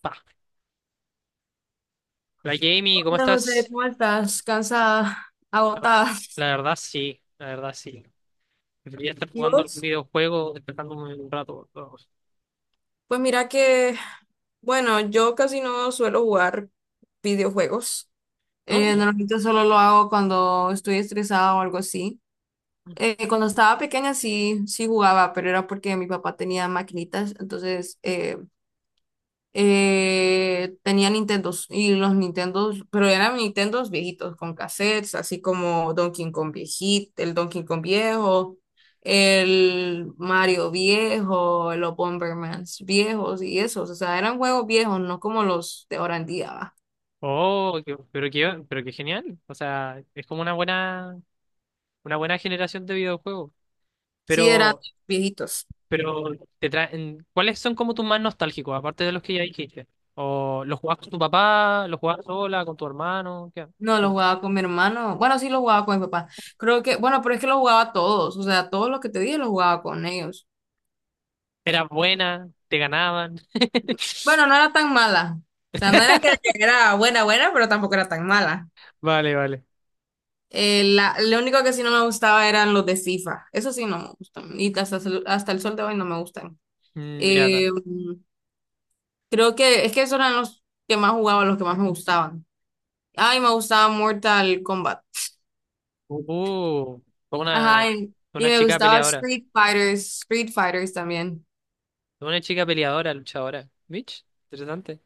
Pa. La Jamie, ¿cómo Hola José, estás? ¿cómo estás? Cansada, agotada. La verdad sí, la verdad sí. Debería estar ¿Y jugando algún vos? videojuego, despertándome un rato, pero... Pues mira que, bueno, yo casi no suelo jugar videojuegos. No, no. Normalmente solo lo hago cuando estoy estresada o algo así. Cuando estaba pequeña sí, sí jugaba, pero era porque mi papá tenía maquinitas, entonces tenía Nintendos y los Nintendos, pero eran Nintendos viejitos con cassettes, así como Donkey Kong viejito, el Donkey Kong viejo, el Mario viejo, los Bombermans viejos y esos, o sea, eran juegos viejos, no como los de ahora en día, ¿va? Oh, qué... pero qué, pero qué genial. O sea, es como una buena generación de videojuegos. Sí, eran Pero, viejitos. pero te traen, ¿cuáles son como tus más nostálgicos, aparte de los que ya dijiste? ¿O los jugabas con tu papá, los jugabas sola, con tu hermano? ¿Qué, No, qué los onda? jugaba con mi hermano. Bueno, sí, los jugaba con mi papá. Creo que, bueno, pero es que los jugaba todos. O sea, todos los que te dije los jugaba con ellos. ¿Eras buena? ¿Te ganaban? Bueno, no era tan mala. O sea, no era que era buena, buena, pero tampoco era tan mala. Vale, vale. Lo único que sí no me gustaba eran los de Sifa. Eso sí no me gustan. Y hasta, hasta el sol de hoy no me gustan. Ya está. Eh, Creo que es que esos eran los que más jugaba, los que más me gustaban. Ay, me gustaba Mortal Kombat. Uh, Fue una, Ajá, y, fue y una me chica gustaba peleadora. Street Fighters, Street Fighters también. Fue una chica peleadora, luchadora. Mitch, interesante.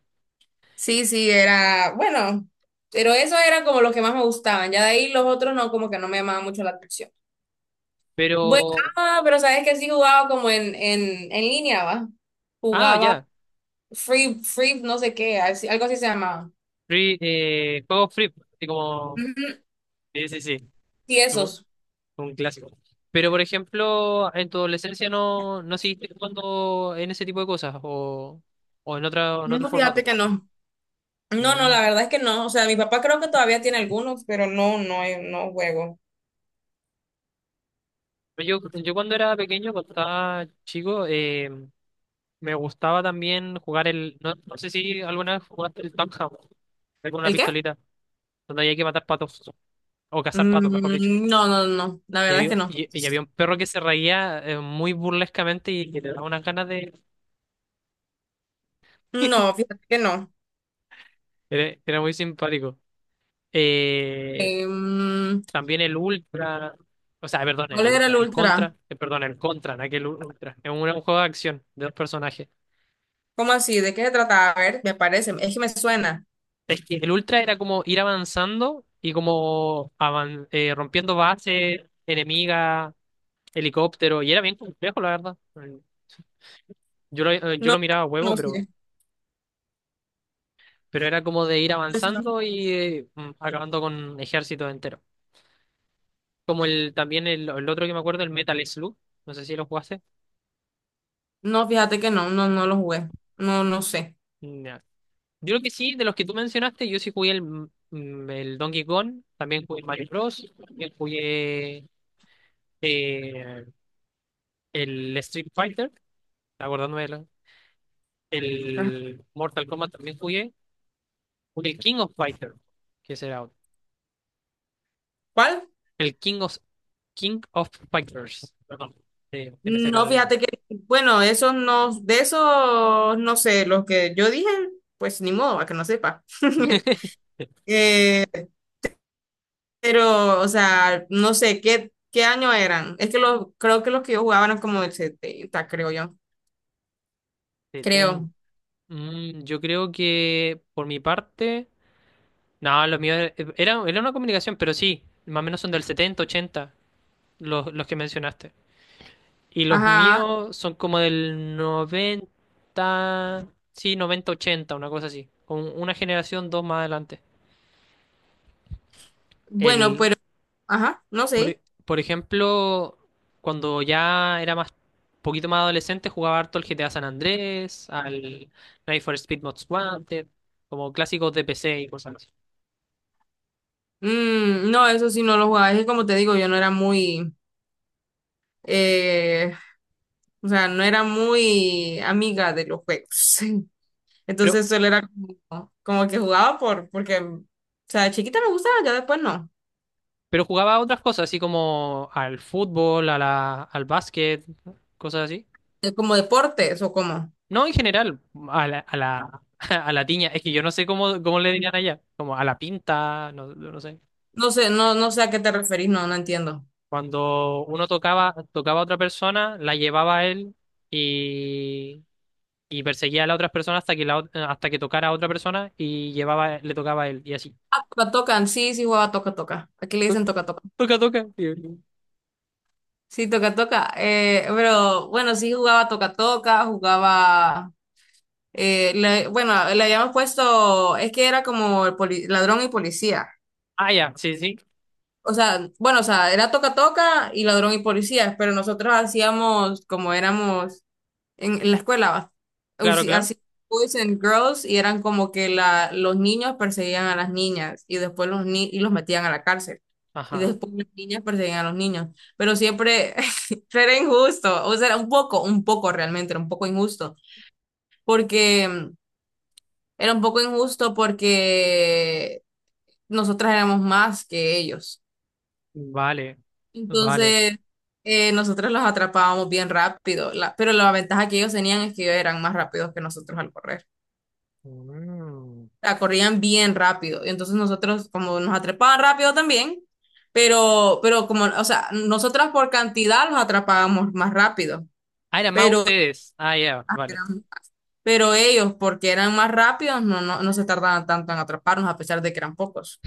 Sí, sí, bueno, pero esos eran como los que más me gustaban. Ya de ahí los otros no, como que no me llamaban mucho la atención. Bueno, Pero, ah, pero sabes que sí jugaba como en línea, ¿va? ah, Jugaba ya. Free, Free, no sé qué, algo así se llamaba. Free, juego free, así como, Ujú. sí, sí, sí. Sí, Un esos. un clásico. Pero, por ejemplo, en tu adolescencia no, no seguiste jugando en ese tipo de cosas, o en otra, o en otro No, fíjate formato. que no. No, no, Mm. la verdad es que no. O sea, mi papá creo que todavía tiene algunos, pero no, no, no juego. Yo cuando era pequeño, cuando estaba chico, me gustaba también jugar el, no, no sé si alguna vez jugaste el Tom Ham, con una ¿El qué? pistolita, donde había que matar patos, o cazar patos, mejor dicho. Mm, no, no, no, la Y verdad es había, que no. Y había un perro que se reía muy burlescamente y que te daba unas ganas de... No, fíjate que no. Era, era muy simpático. Eh, Em, También el Ultra, o sea, perdón, ¿Cuál el era Ultra, el el ultra? Contra, perdón, el Contra, en aquel Ultra. Es un, era un juego de acción de dos personajes. ¿Cómo así? ¿De qué se trataba? A ver, me parece, es que me suena. Es que el Ultra era como ir avanzando y como rompiendo bases, enemiga, helicóptero, y era bien complejo, la verdad. Yo No, lo miraba a huevo, no sé. pero era como de ir avanzando y acabando con ejércitos enteros. Como el también el otro que me acuerdo, el Metal Slug, no sé si lo jugaste. No, fíjate que no, no, no lo jugué. No, no sé. Ya. Yo creo que sí, de los que tú mencionaste, yo sí jugué el, el Donkey Kong, también jugué el Mario Bros, también jugué eh, el Street Fighter, acordándome de la... Ajá. el Mortal Kombat también jugué, jugué el King of Fighter, que será otro. ¿Cuál? El King of Fighters, perdón, te me seca No, la lengua. fíjate que, bueno, esos no, de esos, no sé, los que yo dije, pues ni modo, a que no sepa. Eh, pero, o sea, no sé, ¿qué año eran? Es que creo que los que yo jugaba eran como del 70 creo yo. Setenta. Creo. Mm, yo creo que por mi parte, no, los míos era, era una comunicación, pero sí, más o menos son del 70 80 los que mencionaste. Y los Ajá. míos son como del noventa, sí, 90 80 una cosa así, con una generación, dos más adelante. Bueno, El, pero, ajá, no por, sé. Por ejemplo, cuando ya era más, poquito más adolescente, jugaba harto el GTA San Andrés, al Need for Speed Most Wanted, como clásicos de PC y cosas así. Mm, no, eso sí no lo jugaba. Es que como te digo, yo no era muy, eh, o sea, no era muy amiga de los juegos. Pero Entonces solo era como que jugaba porque, o sea, de chiquita me gustaba, ya después no. Pero jugaba a otras cosas, así como al fútbol, a la, al básquet, cosas así. ¿Como deportes o como? No, en general, a la, a la tiña. Es que yo no sé cómo, cómo le dirían allá. Como a la pinta, no, no sé. No sé, no, no sé a qué te referís, no, no entiendo. Cuando uno tocaba, tocaba a otra persona, la llevaba a él y, y perseguía a la otra persona hasta que, la, hasta que tocara a otra persona y llevaba, le tocaba a él y así. Ah, sí, sí jugaba toca, toca. Aquí le To- dicen toca, toca. Toca, toca. Y... Sí, toca, toca. Pero bueno, sí jugaba toca, toca, jugaba. Bueno, le habíamos puesto, es que era como ladrón y policía. Ah, ya, sí, sí. O sea, bueno, o sea, era toca toca y ladrón y policías, pero nosotros hacíamos como éramos en la escuela, va, Claro, claro. hacíamos boys and girls y eran como que los niños perseguían a las niñas y después los ni y los metían a la cárcel. Y Ajá. después las niñas perseguían a los niños. Pero siempre era injusto, o sea, era un poco realmente, era un poco injusto, porque era un poco injusto porque nosotras éramos más que ellos. Vale. Vale. Entonces, nosotros los atrapábamos bien rápido, pero la ventaja que ellos tenían es que ellos eran más rápidos que nosotros al correr. Mm. La corrían bien rápido. Y entonces nosotros, como nos atrapaban rápido también, pero como, o sea, nosotras por cantidad los atrapábamos más rápido, Ah, eran más pero, ustedes. Ah, ya, vale. pero ellos, porque eran más rápidos, no se tardaban tanto en atraparnos, a pesar de que eran pocos.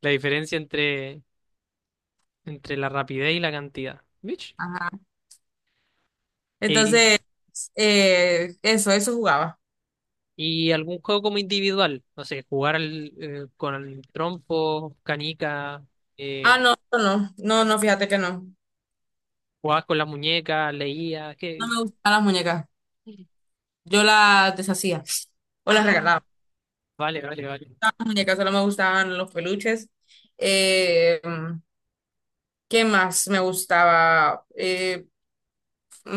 La diferencia entre, entre la rapidez y la cantidad. ¿Vich? Ajá. Eh, Entonces, eso jugaba. y algún juego como individual. No sé, jugar al, con el trompo, canica, Ah, eh, no, no, no, no, no, fíjate que no. jugabas con la muñeca, leías. No ¿Qué? me gustaban las muñecas. Yo las deshacía o las Ah, regalaba. vale, vale, vale. Las muñecas solo me gustaban los peluches. Eh, ¿Qué más me gustaba?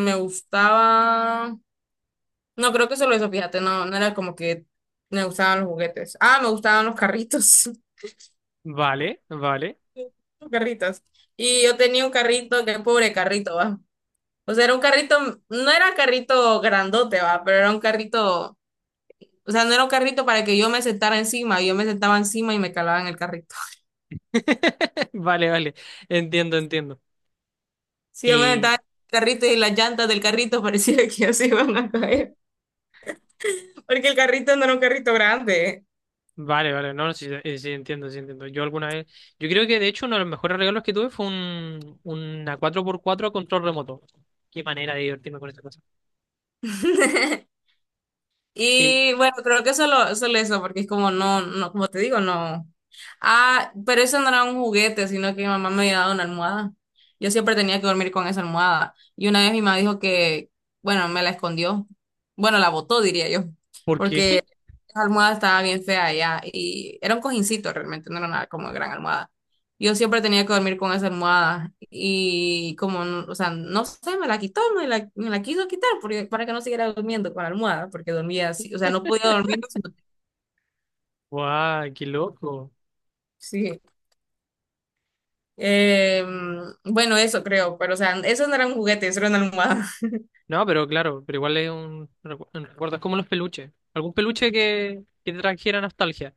Me gustaba. No, creo que solo eso, fíjate, no, no era como que me gustaban los juguetes. Ah, me gustaban los carritos. Vale, vale. Los carritos. Y yo tenía un carrito, qué pobre carrito, va. O sea, era un carrito, no era carrito grandote, va, pero era un carrito. O sea, no era un carrito para que yo me sentara encima, yo me sentaba encima y me calaba en el carrito. Vale, vale. Entiendo, entiendo. Sí, yo me Y estaba en el carrito y las llantas del carrito parecía que así iban a caer, porque el carrito no era un carrito grande. vale, vale, no, sí, sí, entiendo, sí, entiendo. Yo alguna vez, yo creo que de hecho uno de los mejores regalos que tuve fue un, una cuatro por cuatro a control remoto. Qué manera de divertirme con esa cosa. Eh, Y bueno, creo que solo eso, porque es como no, no, como te digo, no. Ah, pero eso no era un juguete, sino que mi mamá me había dado una almohada. Yo siempre tenía que dormir con esa almohada. Y una vez mi mamá dijo que, bueno, me la escondió. Bueno, la botó, diría yo, ¿Por porque qué? la almohada estaba bien fea ya y era un cojincito realmente, no era nada como gran almohada. Yo siempre tenía que dormir con esa almohada y como, o sea, no sé, me la quitó, me la quiso quitar porque, para que no siguiera durmiendo con la almohada, porque dormía así, o sea, no podía dormir, si no- ¡Guau, qué loco! Sí. Eh, bueno, eso creo, pero o sea, eso no era un juguete, eso era una almohada. No, pero claro, pero igual es un, un recuerdo, es como los peluches. Algún peluche que te trajera nostalgia,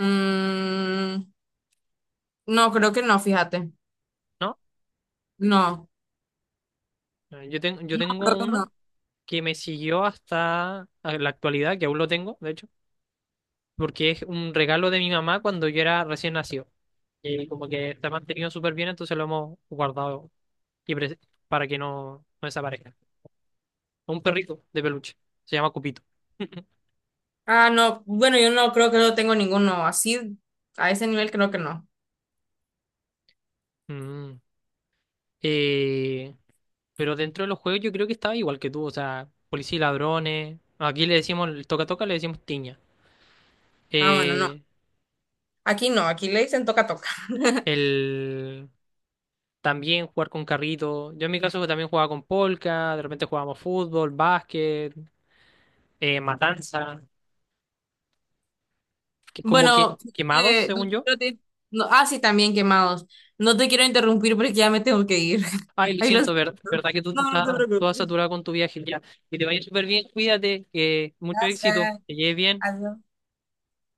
Mm, no, creo que no, fíjate. ¿no? No, Yo no, creo tengo que uno no. que me siguió hasta la actualidad, que aún lo tengo, de hecho, porque es un regalo de mi mamá cuando yo era recién nacido. Y como que está mantenido súper bien, entonces lo hemos guardado y para que no, no desaparezca. Un perrito de peluche. Se llama Cupito. Ah, no, bueno, yo no creo que no tengo ninguno así, a ese nivel creo que no. Mm. Eh, pero dentro de los juegos yo creo que estaba igual que tú. O sea, policía y ladrones. Aquí le decimos el toca toca, le decimos tiña. Ah, bueno, no. Eh, Aquí no, aquí le dicen toca toca. el también jugar con carrito. Yo en mi caso también jugaba con polka, de repente jugábamos fútbol, básquet, matanza, que es como que Bueno, quemados, no según te yo. quiero ah, sí, también quemados. No te quiero interrumpir porque ya me tengo que ir. Ay, lo Ahí los... siento, verdad que tú No, no estás te toda preocupes. saturada con tu viaje ya. Que te vaya súper bien, cuídate, que mucho éxito, Gracias. que lleves bien. Adiós.